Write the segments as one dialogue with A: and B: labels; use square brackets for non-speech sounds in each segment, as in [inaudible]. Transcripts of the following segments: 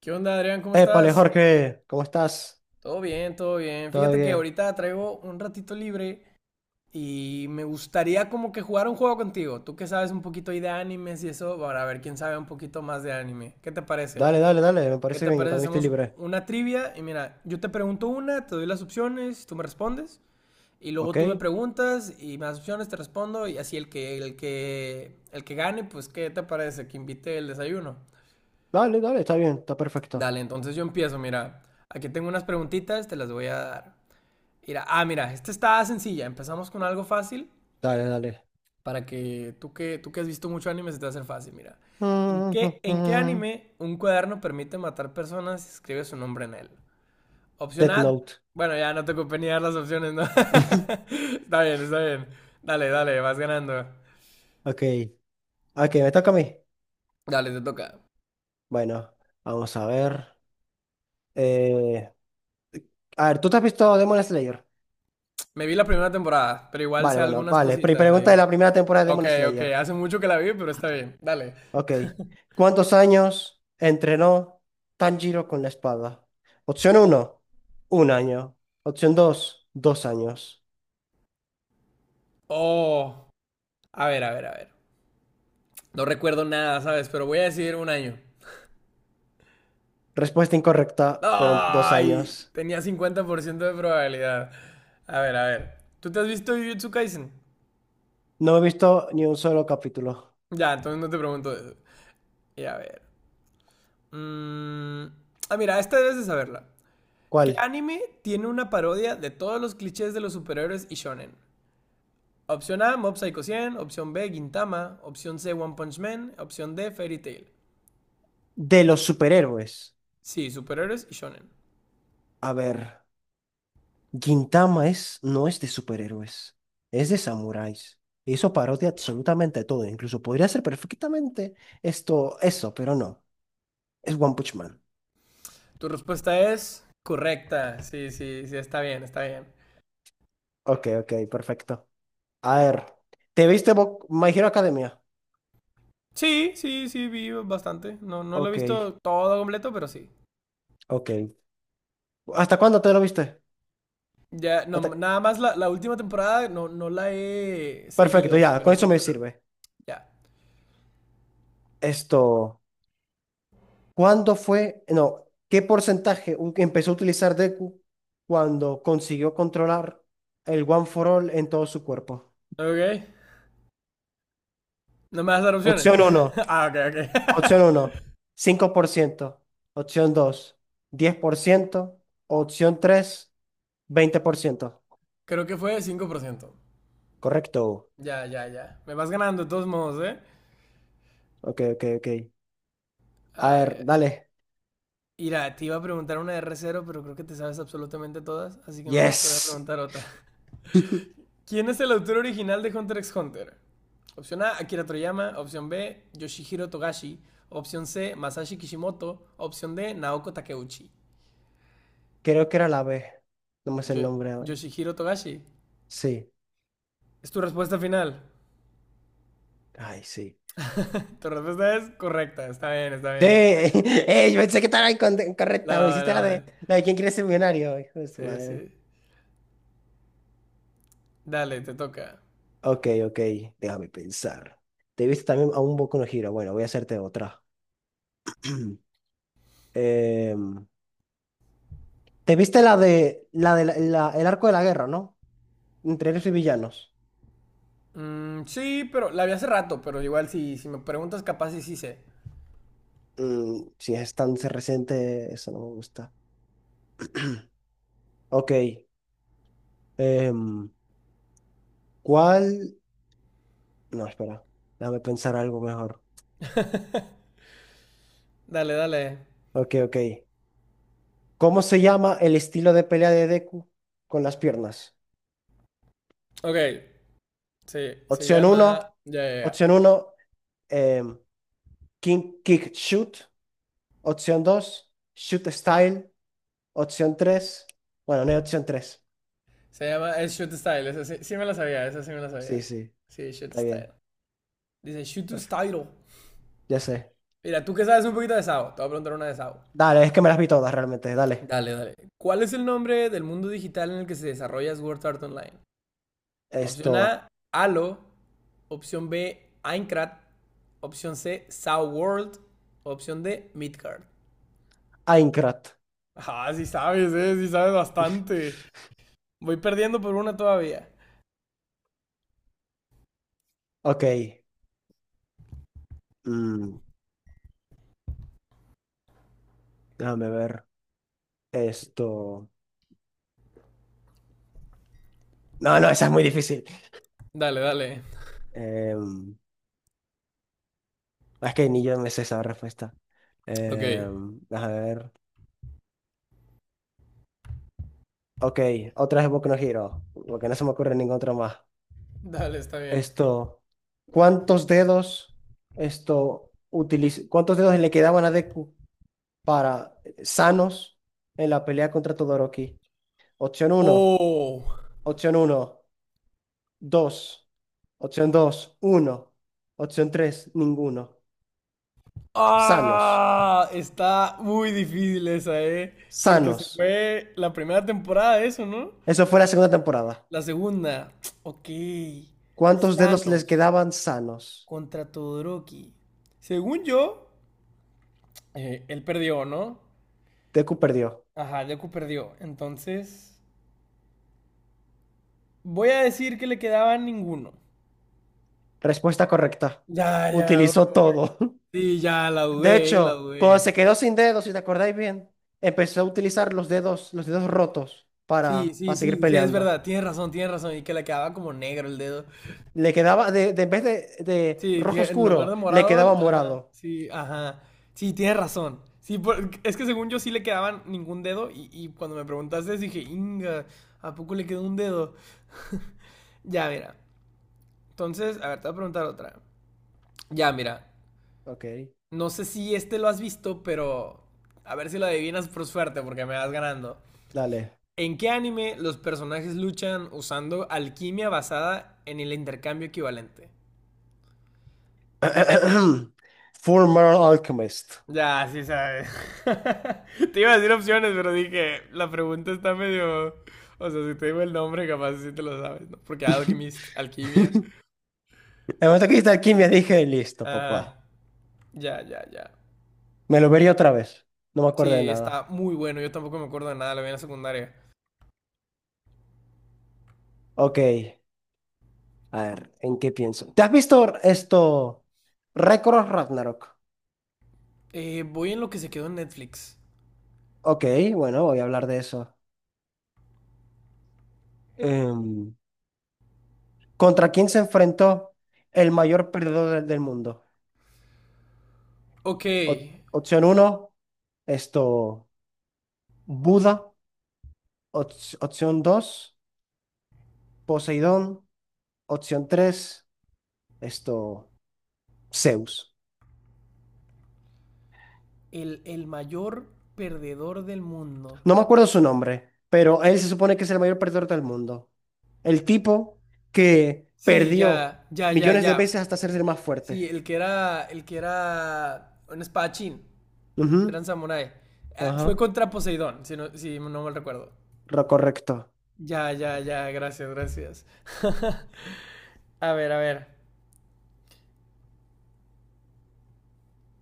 A: ¿Qué onda, Adrián? ¿Cómo
B: Épale,
A: estás?
B: Jorge, ¿cómo estás?
A: Todo bien, todo bien.
B: ¿Todo
A: Fíjate que
B: bien?
A: ahorita traigo un ratito libre y me gustaría como que jugar un juego contigo. Tú que sabes un poquito ahí de animes y eso, para ver quién sabe un poquito más de anime. ¿Qué te parece?
B: Dale, dale, dale, me
A: ¿Qué
B: parece
A: te
B: bien, yo
A: parece?
B: también estoy
A: Hacemos
B: libre.
A: una trivia y mira, yo te pregunto una, te doy las opciones, tú me respondes y luego
B: ¿Ok?
A: tú me preguntas y me das opciones, te respondo y así el que gane, pues ¿qué te parece? Que invite el desayuno.
B: Dale, dale, está bien, está perfecto.
A: Dale, entonces yo empiezo, mira. Aquí tengo unas preguntitas, te las voy a dar. Mira, ah, mira, esta está sencilla. Empezamos con algo fácil
B: Dale, dale.
A: para que tú que has visto mucho anime se te va a hacer fácil, mira. ¿En qué
B: [laughs]
A: anime un cuaderno permite matar personas si escribe su nombre en él? Opción
B: Death
A: A.
B: Note.
A: Bueno, ya no te ocupé ni dar las opciones, ¿no? [laughs]
B: [laughs]
A: Está bien, está bien. Dale, dale, vas ganando.
B: Ok, ok, me toca a mí.
A: Dale, te toca.
B: Bueno, vamos a ver. Eh, a ver, ¿tú te has visto Demon Slayer?
A: Me vi la primera temporada, pero igual sé
B: Vale, bueno,
A: algunas
B: vale.
A: cositas
B: Pregunta de
A: ahí.
B: la primera temporada de
A: Ok,
B: Demon
A: ok,
B: Slayer.
A: hace mucho que la vi, pero está bien. Dale.
B: Ok. ¿Cuántos años entrenó Tanjiro con la espada? Opción uno, 1 año. Opción 2, 2 años.
A: Oh, a ver. No recuerdo nada, ¿sabes? Pero voy a decir un año.
B: Respuesta incorrecta, fueron dos
A: Ay,
B: años.
A: tenía 50% de probabilidad. A ver, a ver. ¿Tú te has visto Jujutsu Kaisen?
B: No he visto ni un solo capítulo.
A: Ya, entonces no te pregunto eso. Y a ver. mm, Ah, mira, esta debes de saberla. ¿Qué
B: ¿Cuál?
A: anime tiene una parodia de todos los clichés de los superhéroes y shonen? Opción A, Mob Psycho 100. Opción B, Gintama. Opción C, One Punch Man. Opción D, Fairy Tail.
B: De los superhéroes.
A: Sí, superhéroes y shonen.
B: A ver, Gintama es, no es de superhéroes, es de samuráis. Hizo parodia absolutamente todo, incluso podría ser perfectamente esto, eso, pero no. Es One Punch Man.
A: Tu respuesta es correcta. Sí, sí, sí, está bien, está bien.
B: Ok, ok, perfecto. A ver, ¿te viste My Hero Academia?
A: Sí, sí, sí, vi bastante. No, no lo he
B: Ok,
A: visto todo completo, pero sí.
B: ok. ¿Hasta cuándo te lo viste?
A: Ya, no,
B: Hasta-
A: nada más la última temporada no, no la he
B: Perfecto,
A: seguido,
B: ya, con
A: pero sí,
B: eso me
A: ajá,
B: sirve.
A: ya.
B: Esto, ¿cuándo fue? No, ¿qué porcentaje empezó a utilizar Deku cuando consiguió controlar el One for All en todo su cuerpo?
A: Ok, no me vas a dar opciones.
B: Opción
A: [laughs]
B: uno.
A: Ah, ok, ok.
B: Opción uno.
A: [laughs]
B: 5%. Opción dos. 10%. Opción tres. 20%.
A: Creo que fue 5%.
B: Correcto.
A: Ya, ya, ya. Me vas ganando de todos modos, ¿eh?
B: Ok, ok, ok. A
A: A
B: ver,
A: ver.
B: dale.
A: Mira, te iba a preguntar una de r cero, pero creo que te sabes absolutamente todas, así que mejor te voy a
B: Yes.
A: preguntar otra.
B: [laughs]
A: ¿Quién es el autor original de Hunter x Hunter? Opción A, Akira Toriyama. Opción B, Yoshihiro Togashi. Opción C, Masashi Kishimoto. Opción D, Naoko Takeuchi.
B: Creo que era la B. No me sé el
A: Yo-
B: nombre ahora.
A: Yoshihiro Togashi.
B: Sí.
A: Es tu respuesta final.
B: Ay, sí.
A: Tu respuesta es correcta. Está bien, está
B: Sí.
A: bien.
B: [laughs] Yo pensé que estaba incorrecta. Me
A: No,
B: hiciste la de,
A: no.
B: la de quién quiere ser millonario. Hijo de su
A: Sí,
B: madre.
A: sí. Dale, te toca.
B: Ok, ok. Déjame pensar. ¿Te viste también a un Boku no Hero? Bueno, voy a hacerte otra. [clears throat] Em, ¿te viste la de la de la- la- el arco de la guerra, ¿no? Entre héroes y villanos.
A: Mm, sí, pero la vi hace rato, pero igual si, si me preguntas, capaz sí, sí sé.
B: Si es tan reciente, eso no me gusta. [clears throat] Ok. em, ¿cuál? No, espera. Déjame pensar algo mejor.
A: Dale, dale.
B: Ok, ok. ¿Cómo se llama el estilo de pelea de Deku con las piernas?
A: Ok. Sí, se
B: Opción uno,
A: llama. Ya, ya, ya.
B: Opción uno, em, King Kick Shoot. Opción 2, Shoot Style. Opción 3, bueno, no hay opción 3.
A: Se llama, es Shoot Style, esa sí, sí me la sabía, esa sí me la
B: Sí,
A: sabía.
B: sí.
A: Sí, Shoot
B: Está
A: Style.
B: bien.
A: Dice Shoot
B: Perfecto.
A: Style.
B: Ya sé.
A: Mira, tú que sabes un poquito de SAO, te voy a preguntar una de SAO.
B: Dale, es que me las vi todas realmente. Dale.
A: Dale, dale. ¿Cuál es el nombre del mundo digital en el que se desarrolla Sword Art Online? Opción
B: Esto.
A: A, Halo. Opción B, Aincrad. Opción C, SAO World. Opción D, Midgard.
B: Aincrad.
A: Ah, sí sabes bastante. Voy perdiendo por una todavía.
B: Ok. Mm, déjame ver. Esto. No, no, esa es muy difícil.
A: Dale, dale.
B: Em, Es que ni yo me sé esa respuesta.
A: Ok.
B: Eh, a ver. Ok, otra es Boku no Hero, porque no se me ocurre ningún otro más.
A: Dale, está bien.
B: Esto, ¿cuántos dedos cuántos dedos le quedaban a Deku para sanos en la pelea contra Todoroki? Opción uno,
A: Oh,
B: opción uno, 2, opción dos, uno, opción 3, ninguno. Sanos,
A: ah, está muy difícil esa, ¿eh? Porque se
B: sanos.
A: fue la primera temporada de eso, ¿no?
B: Eso fue la segunda temporada.
A: La segunda. Ok.
B: ¿Cuántos dedos les
A: Thanos
B: quedaban sanos?
A: contra Todoroki. Según yo, él perdió, ¿no?
B: Deku perdió.
A: Ajá, Deku perdió. Entonces, voy a decir que le quedaba ninguno.
B: Respuesta correcta.
A: Ya, ya,
B: Utilizó todo.
A: sí, ya, la
B: [laughs] De
A: dudé, la
B: hecho, cuando se
A: dudé.
B: quedó sin dedos, si te acordáis bien, empezó a utilizar los dedos rotos
A: Sí,
B: para,
A: sí,
B: para seguir
A: sí, sí, es
B: peleando.
A: verdad, tienes razón, tienes razón. Y que le quedaba como negro el dedo.
B: Le quedaba, en vez de
A: Sí,
B: rojo
A: que en lugar
B: oscuro,
A: de
B: le quedaba
A: morado, ajá,
B: morado.
A: sí, ajá. Sí, tienes razón. Sí, por- es que según yo sí le quedaban ningún dedo y cuando me preguntaste dije, Inga, ¿a poco le quedó un dedo? [laughs] Ya, mira. Entonces, a ver, te voy a preguntar otra. Ya, mira.
B: Ok,
A: No sé si este lo has visto, pero a ver si lo adivinas por suerte porque me vas ganando.
B: dale.
A: ¿En qué anime los personajes luchan usando alquimia basada en el intercambio equivalente?
B: [clears throat] Full Metal Alchemist.
A: Ya, sí sabes. [laughs] Te iba a decir opciones, pero dije, la pregunta está medio. O sea, si te digo el nombre, capaz sí te lo sabes, ¿no? Porque
B: [laughs]
A: Alchemist, alquimia.
B: En el momento que hice alquimia dije, listo,
A: Ah,
B: papá.
A: ya, ya, ya.
B: Me lo vería otra vez. No me acuerdo de
A: Sí, está
B: nada.
A: muy bueno. Yo tampoco me acuerdo de nada, lo vi en la secundaria.
B: Ok. A ver, ¿en qué pienso? ¿Te has visto esto? Récord Ragnarok.
A: Voy en lo que se quedó en Netflix.
B: Ok, bueno, voy a hablar de eso. Em, ¿Contra quién se enfrentó el mayor perdedor del mundo?
A: Ok,
B: Opción uno, esto, Buda. Op- opción 2, Poseidón. Opción 3, esto, Zeus.
A: el mayor perdedor del mundo.
B: No me acuerdo su nombre, pero él se supone que es el mayor perdedor del mundo. El tipo que
A: Sí,
B: perdió
A: ya, ya, ya,
B: millones
A: ya.
B: de veces hasta hacerse el más
A: Sí,
B: fuerte.
A: el que era un espadachín.
B: Ujú.
A: Eran samurái. Ah, fue
B: Ajá.
A: contra Poseidón, si no, si no mal recuerdo.
B: Correcto.
A: Ya, ya, ya, gracias, gracias. [laughs] A ver, a ver.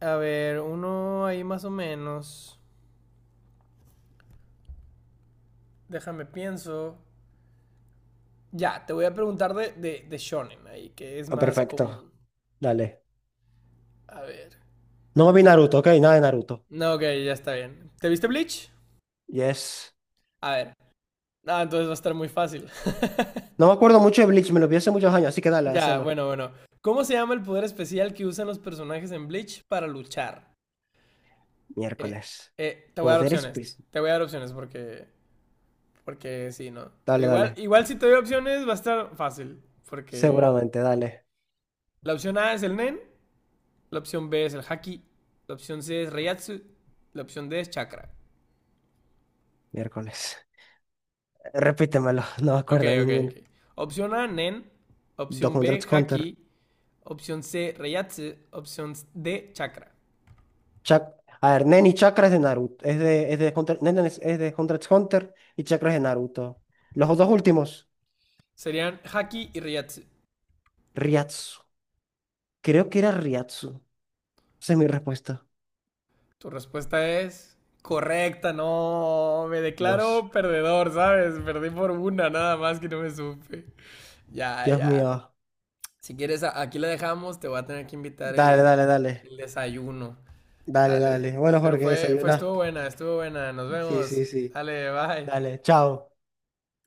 A: A ver, uno ahí más o menos. Déjame pienso. Ya, te voy a preguntar de shonen ahí, que es
B: Ah,
A: más
B: perfecto.
A: común.
B: Dale.
A: A ver.
B: No vi Naruto, ok, nada de Naruto.
A: No, ok, ya está bien. ¿Te viste Bleach?
B: Yes.
A: A ver. Ah, entonces va a estar muy fácil. [laughs]
B: No me acuerdo mucho de Bleach, me lo vi hace muchos años, así que dale,
A: Ya,
B: hazlo.
A: bueno, bueno. ¿Cómo se llama el poder especial que usan los personajes en Bleach para luchar? Eh,
B: Miércoles.
A: te voy a dar
B: Poderes
A: opciones.
B: pis-
A: Te voy a dar opciones porque, porque sí, ¿no? Pero
B: Dale,
A: igual,
B: dale.
A: igual si te doy opciones va a estar fácil. Porque
B: Seguramente, dale.
A: la opción A es el Nen, la opción B es el Haki, la opción C es Reiatsu, la opción D es Chakra.
B: Miércoles. Repítemelo, [laughs] no me
A: Ok,
B: acuerdo de
A: ok,
B: ninguno.
A: ok. Opción A, Nen.
B: Dos
A: Opción
B: Hunter
A: B,
B: x Hunter.
A: Haki. Opción C, Reiatsu. Opción D, Chakra.
B: Chac- A ver, Nen y Chakra es de Naruto. Es de Hunter. Nen es de Hunter x Hunter y Chakra es de Naruto. Los dos últimos.
A: Serían Haki y Reiatsu.
B: Ryatsu. Creo que era Ryatsu. Esa es mi respuesta.
A: Tu respuesta es correcta, no, me
B: Dios,
A: declaro perdedor, ¿sabes? Perdí por una, nada más que no me supe. Ya,
B: Dios
A: ya.
B: mío.
A: Si quieres, aquí la dejamos, te voy a tener que invitar
B: Dale, dale, dale.
A: el desayuno.
B: Dale,
A: Dale.
B: dale. Bueno,
A: Pero
B: Jorge, desayuna.
A: estuvo buena, estuvo buena. Nos
B: Sí,
A: vemos.
B: sí, sí.
A: Dale, bye.
B: Dale, chao.